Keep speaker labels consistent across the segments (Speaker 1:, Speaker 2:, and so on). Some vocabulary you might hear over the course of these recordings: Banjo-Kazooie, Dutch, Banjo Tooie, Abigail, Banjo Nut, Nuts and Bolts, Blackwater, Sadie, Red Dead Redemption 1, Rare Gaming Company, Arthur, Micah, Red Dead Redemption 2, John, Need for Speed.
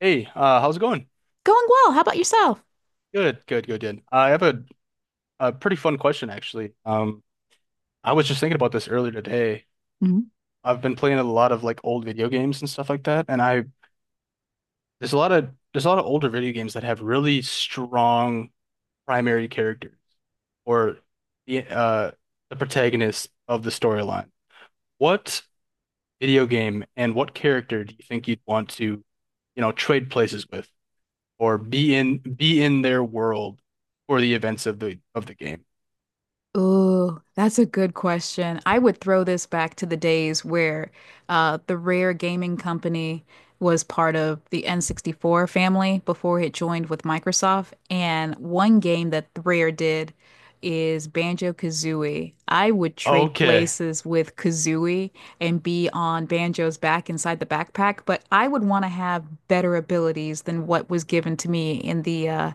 Speaker 1: Hey, how's it going?
Speaker 2: Going well. How about yourself?
Speaker 1: Good, good, good, good. I have a pretty fun question actually. I was just thinking about this earlier today.
Speaker 2: Mhm.
Speaker 1: I've been playing a lot of like old video games and stuff like that, and I there's a lot of there's a lot of older video games that have really strong primary characters or the uh the protagonist of the storyline. What video game and what character do you think you'd want to, trade places with or be in their world for the events of the game?
Speaker 2: Oh, that's a good question. I would throw this back to the days where the Rare Gaming Company was part of the N64 family before it joined with Microsoft. And one game that Rare did is Banjo-Kazooie. I would trade
Speaker 1: Okay.
Speaker 2: places with Kazooie and be on Banjo's back inside the backpack, but I would want to have better abilities than what was given to me in the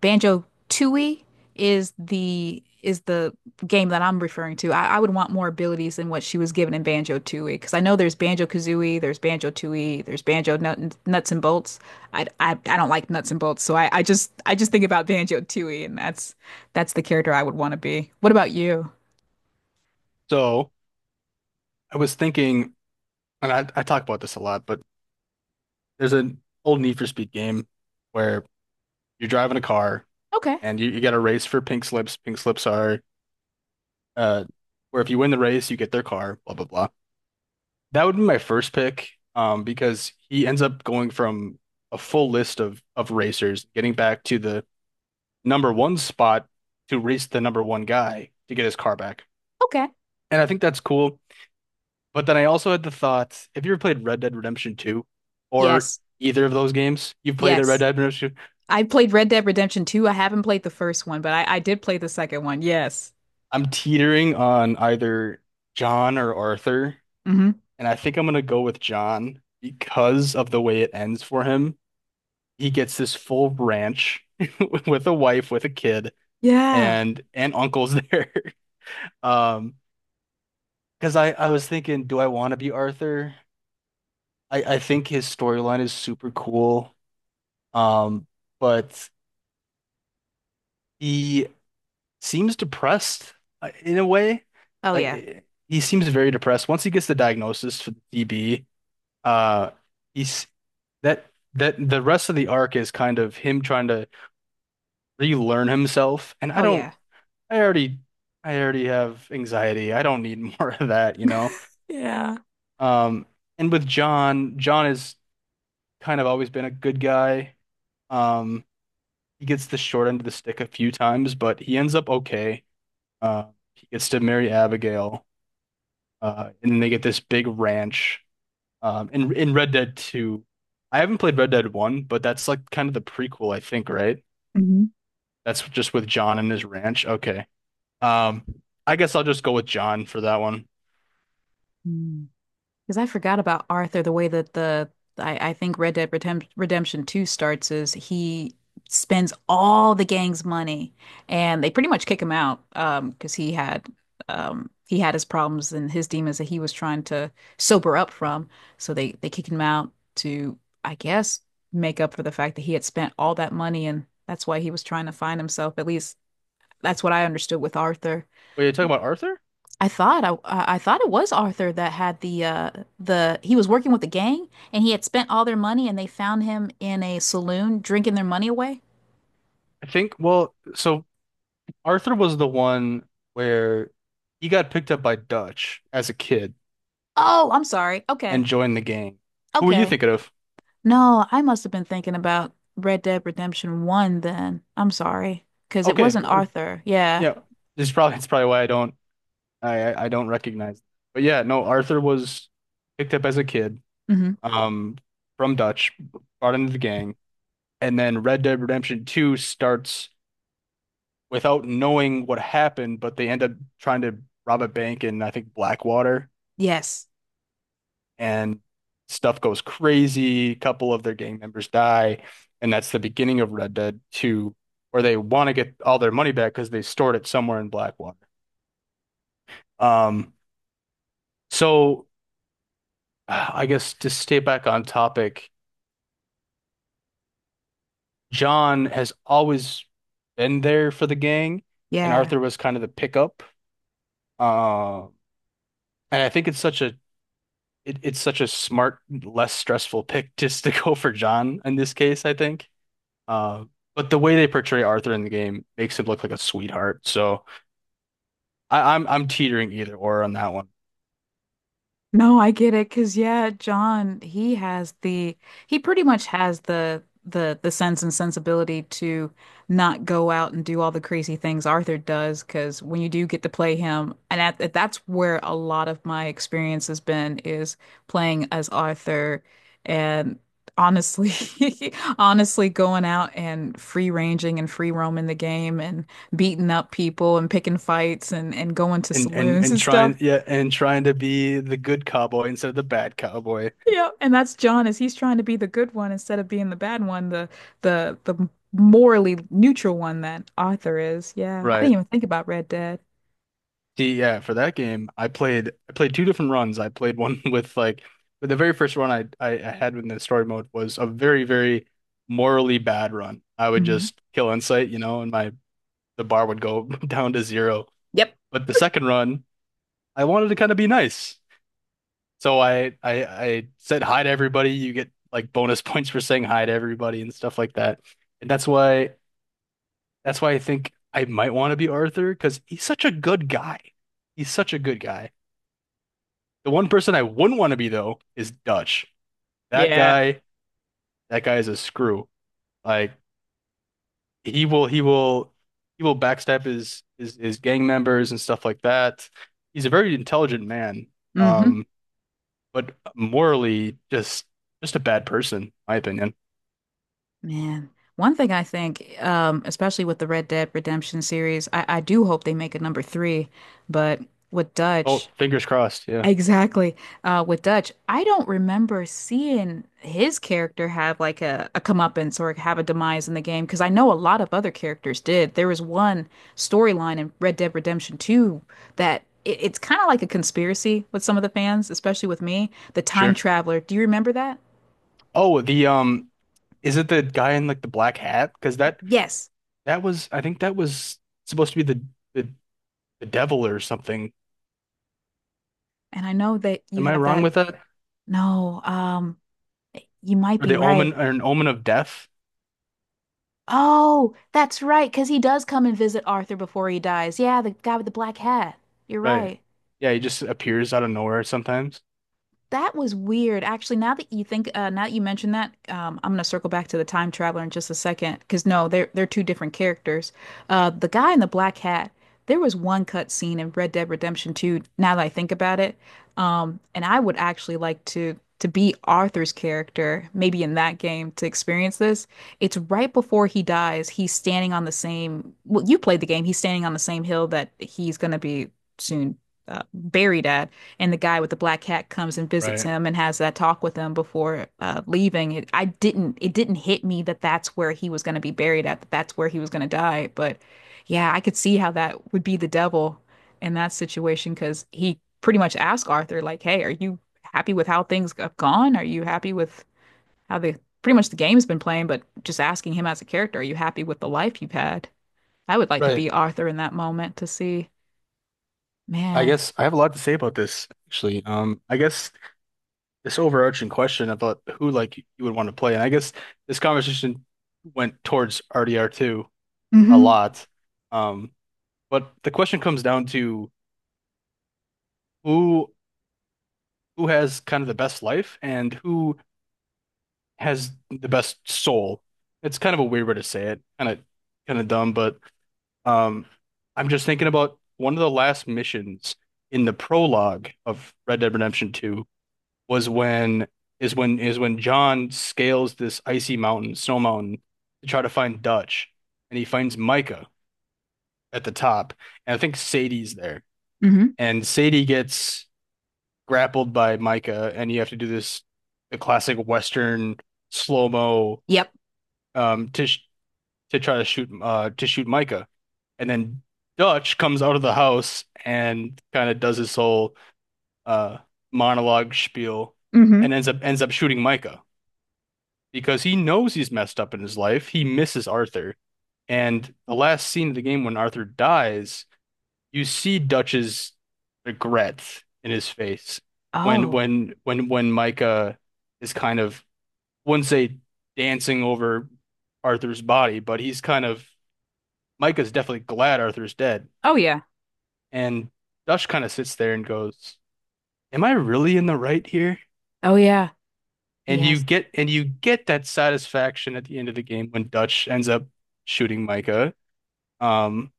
Speaker 2: Banjo Tooie is the game that I'm referring to. I would want more abilities than what she was given in Banjo Tooie because I know there's Banjo Kazooie, there's Banjo Tooie, there's Banjo Nut, Nuts and Bolts. I don't like nuts and bolts, so I just think about Banjo Tooie, and that's the character I would want to be. What about you?
Speaker 1: So I was thinking, and I talk about this a lot, but there's an old Need for Speed game where you're driving a car
Speaker 2: Okay,
Speaker 1: and you got a race for pink slips. Pink slips are uh where if you win the race, you get their car, blah blah blah. That would be my first pick, because he ends up going from a full list of racers, getting back to the number one spot to race the number one guy to get his car back.
Speaker 2: okay,
Speaker 1: And I think that's cool. But then I also had the thought, have you ever played Red Dead Redemption 2 or
Speaker 2: yes,
Speaker 1: either of those games? You've played a Red
Speaker 2: yes,
Speaker 1: Dead Redemption 2.
Speaker 2: I played Red Dead Redemption 2. I haven't played the first one, but I did play the second one. Yes.
Speaker 1: I'm teetering on either John or Arthur,
Speaker 2: Hmm.
Speaker 1: and I think I'm gonna go with John because of the way it ends for him. He gets this full ranch with a wife, with a kid,
Speaker 2: Yeah.
Speaker 1: and uncle's there. Um, because I was thinking, do I want to be Arthur? I think his storyline is super cool. Um, but he seems depressed in a way.
Speaker 2: Oh
Speaker 1: Like
Speaker 2: yeah.
Speaker 1: he seems very depressed. Once he gets the diagnosis for the DB, uh, he's that that the rest of the arc is kind of him trying to relearn himself. And I
Speaker 2: Oh
Speaker 1: don't,
Speaker 2: yeah.
Speaker 1: I already, I already have anxiety. I don't need more of that.
Speaker 2: Yeah.
Speaker 1: Um, and with John, John has kind of always been a good guy. Um, he gets the short end of the stick a few times, but he ends up okay. Uh, he gets to marry Abigail. And then they get this big ranch. In Red Dead 2, I haven't played Red Dead 1, but that's like kind of the prequel, I think, right?
Speaker 2: Mm-hmm.
Speaker 1: That's just with John and his ranch. Okay. Um, I guess I'll just go with John for that one.
Speaker 2: Because I forgot about Arthur, the way that I think Red Dead Redemption 2 starts is he spends all the gang's money and they pretty much kick him out, um, because he had his problems and his demons that he was trying to sober up from. So they kicked him out to, I guess, make up for the fact that he had spent all that money, and that's why he was trying to find himself. At least that's what I understood with Arthur.
Speaker 1: Wait, you're talking about Arthur?
Speaker 2: I thought it was Arthur that had the he was working with the gang and he had spent all their money and they found him in a saloon drinking their money away.
Speaker 1: I think, well, so Arthur was the one where he got picked up by Dutch as a kid
Speaker 2: Oh, I'm sorry.
Speaker 1: and
Speaker 2: Okay.
Speaker 1: joined the gang. Who were you
Speaker 2: Okay.
Speaker 1: thinking of?
Speaker 2: No, I must have been thinking about Red Dead Redemption 1 then. I'm sorry. Sorry, because it
Speaker 1: Okay,
Speaker 2: wasn't
Speaker 1: well,
Speaker 2: Arthur. Yeah.
Speaker 1: yeah, this is probably it's probably why I don't I don't recognize. But yeah, no, Arthur was picked up as a kid,
Speaker 2: Hmm.
Speaker 1: um, from Dutch, brought into the gang, and then Red Dead Redemption 2 starts without knowing what happened, but they end up trying to rob a bank in I think Blackwater,
Speaker 2: Yes.
Speaker 1: and stuff goes crazy. A couple of their gang members die, and that's the beginning of Red Dead 2, where they want to get all their money back because they stored it somewhere in Blackwater. Um, so I guess to stay back on topic, John has always been there for the gang, and
Speaker 2: Yeah.
Speaker 1: Arthur was kind of the pickup. Uh, and I think it's such a it's such a smart, less stressful pick just to go for John in this case, I think. Uh, but the way they portray Arthur in the game makes him look like a sweetheart. So I'm teetering either or on that one.
Speaker 2: No, I get it. Cause yeah, John, he has the he pretty much has the sense and sensibility to not go out and do all the crazy things Arthur does. Cause when you do get to play him, and that's where a lot of my experience has been is playing as Arthur and honestly, honestly going out and free ranging and free roaming the game and beating up people and picking fights and going to saloons
Speaker 1: And
Speaker 2: and stuff.
Speaker 1: trying yeah, and trying to be the good cowboy instead of the bad cowboy.
Speaker 2: Yeah, and that's John is he's trying to be the good one instead of being the bad one, the morally neutral one that Arthur is. Yeah, I didn't
Speaker 1: Right.
Speaker 2: even think about Red Dead.
Speaker 1: See, yeah, for that game, I played two different runs. I played one with like but the very first run I had in the story mode was a very, very morally bad run. I would
Speaker 2: Mhm.
Speaker 1: just kill Insight, you know, and my the bar would go down to zero.
Speaker 2: Yep.
Speaker 1: But the second run, I wanted to kind of be nice. So I said hi to everybody. You get like bonus points for saying hi to everybody and stuff like that. And that's why I think I might want to be Arthur because he's such a good guy. He's such a good guy. The one person I wouldn't want to be though is Dutch. That
Speaker 2: Yeah.
Speaker 1: guy, that guy is a screw. Like he will, he will, he will backstab his his gang members and stuff like that. He's a very intelligent man,
Speaker 2: Hmm.
Speaker 1: um, but morally just a bad person, my opinion.
Speaker 2: Man, one thing I think, especially with the Red Dead Redemption series, I do hope they make a number three, but with
Speaker 1: Oh,
Speaker 2: Dutch,
Speaker 1: fingers crossed. Yeah,
Speaker 2: exactly. With Dutch, I don't remember seeing his character have like a comeuppance or have a demise in the game because I know a lot of other characters did. There was one storyline in Red Dead Redemption 2 that it's kind of like a conspiracy with some of the fans, especially with me. The Time
Speaker 1: sure.
Speaker 2: Traveler. Do you remember that?
Speaker 1: Oh, the is it the guy in like the black hat? Because that
Speaker 2: Yes.
Speaker 1: that was, I think that was supposed to be the the devil or something.
Speaker 2: And I know that you
Speaker 1: Am I
Speaker 2: have
Speaker 1: wrong
Speaker 2: that.
Speaker 1: with that?
Speaker 2: No, you might
Speaker 1: Or
Speaker 2: be
Speaker 1: the omen
Speaker 2: right.
Speaker 1: or an omen of death.
Speaker 2: Oh, that's right, because he does come and visit Arthur before he dies. Yeah, the guy with the black hat. You're
Speaker 1: Right.
Speaker 2: right.
Speaker 1: Yeah, he just appears out of nowhere sometimes.
Speaker 2: That was weird. Actually, now that you think, now that you mention that, I'm gonna circle back to the time traveler in just a second, because no, they're two different characters. The guy in the black hat, there was one cut scene in Red Dead Redemption 2, now that I think about it. And I would actually like to be Arthur's character, maybe in that game, to experience this. It's right before he dies. He's standing on the same, well, you played the game. He's standing on the same hill that he's gonna be soon buried at and the guy with the black hat comes and visits
Speaker 1: Right.
Speaker 2: him and has that talk with him before leaving. I didn't it didn't hit me that that's where he was going to be buried at, that that's where he was going to die. But yeah, I could see how that would be the devil in that situation because he pretty much asked Arthur like, "Hey, are you happy with how things have gone? Are you happy with how the pretty much the game's been playing?" But just asking him as a character, "Are you happy with the life you've had?" I would like to be
Speaker 1: Right.
Speaker 2: Arthur in that moment to see,
Speaker 1: I
Speaker 2: man.
Speaker 1: guess I have a lot to say about this, actually. I guess this overarching question about who like you would want to play, and I guess this conversation went towards RDR2 a
Speaker 2: Mm-hmm.
Speaker 1: lot. Um, but the question comes down to who who has kind of the best life and who has the best soul. It's kind of a weird way to say it, kind of dumb, but Um, I'm just thinking about one of the last missions in the prologue of Red Dead Redemption 2 was when is when is when John scales this icy mountain, snow mountain, to try to find Dutch, and he finds Micah at the top, and I think Sadie's there,
Speaker 2: Mm-hmm.
Speaker 1: and Sadie gets grappled by Micah, and you have to do this the classic Western slow-mo
Speaker 2: Yep.
Speaker 1: um, to to try to shoot Micah. And then Dutch comes out of the house and kind of does his whole uh monologue spiel
Speaker 2: Mm-hmm.
Speaker 1: and ends up shooting Micah because he knows he's messed up in his life. He misses Arthur. And the last scene of the game when Arthur dies, you see Dutch's regret in his face when
Speaker 2: Oh.
Speaker 1: Micah is kind of I wouldn't say dancing over Arthur's body, but he's kind of Micah's definitely glad Arthur's dead.
Speaker 2: Oh yeah.
Speaker 1: And Dush kind of sits there and goes, am I really in the right here?
Speaker 2: Oh yeah, he
Speaker 1: And
Speaker 2: has.
Speaker 1: you get that satisfaction at the end of the game when Dutch ends up shooting Micah. Um,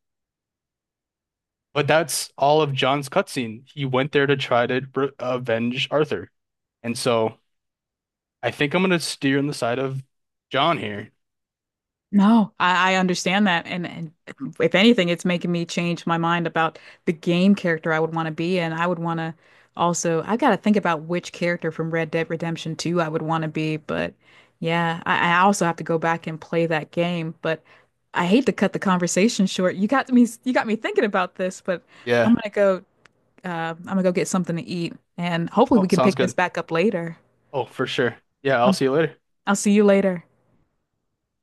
Speaker 1: but that's all of John's cutscene. He went there to try to avenge Arthur. And so I think I'm gonna steer on the side of John here.
Speaker 2: No, I understand that. And if anything, it's making me change my mind about the game character I would want to be. And I would want to also, I've got to think about which character from Red Dead Redemption 2 I would want to be. But yeah, I also have to go back and play that game. But I hate to cut the conversation short. You got me thinking about this, but I'm
Speaker 1: Yeah.
Speaker 2: gonna go, I'm gonna go get something to eat. And hopefully
Speaker 1: Oh,
Speaker 2: we can
Speaker 1: sounds
Speaker 2: pick this
Speaker 1: good.
Speaker 2: back up later.
Speaker 1: Oh, for sure. Yeah, I'll
Speaker 2: Um,
Speaker 1: see you later.
Speaker 2: I'll see you later.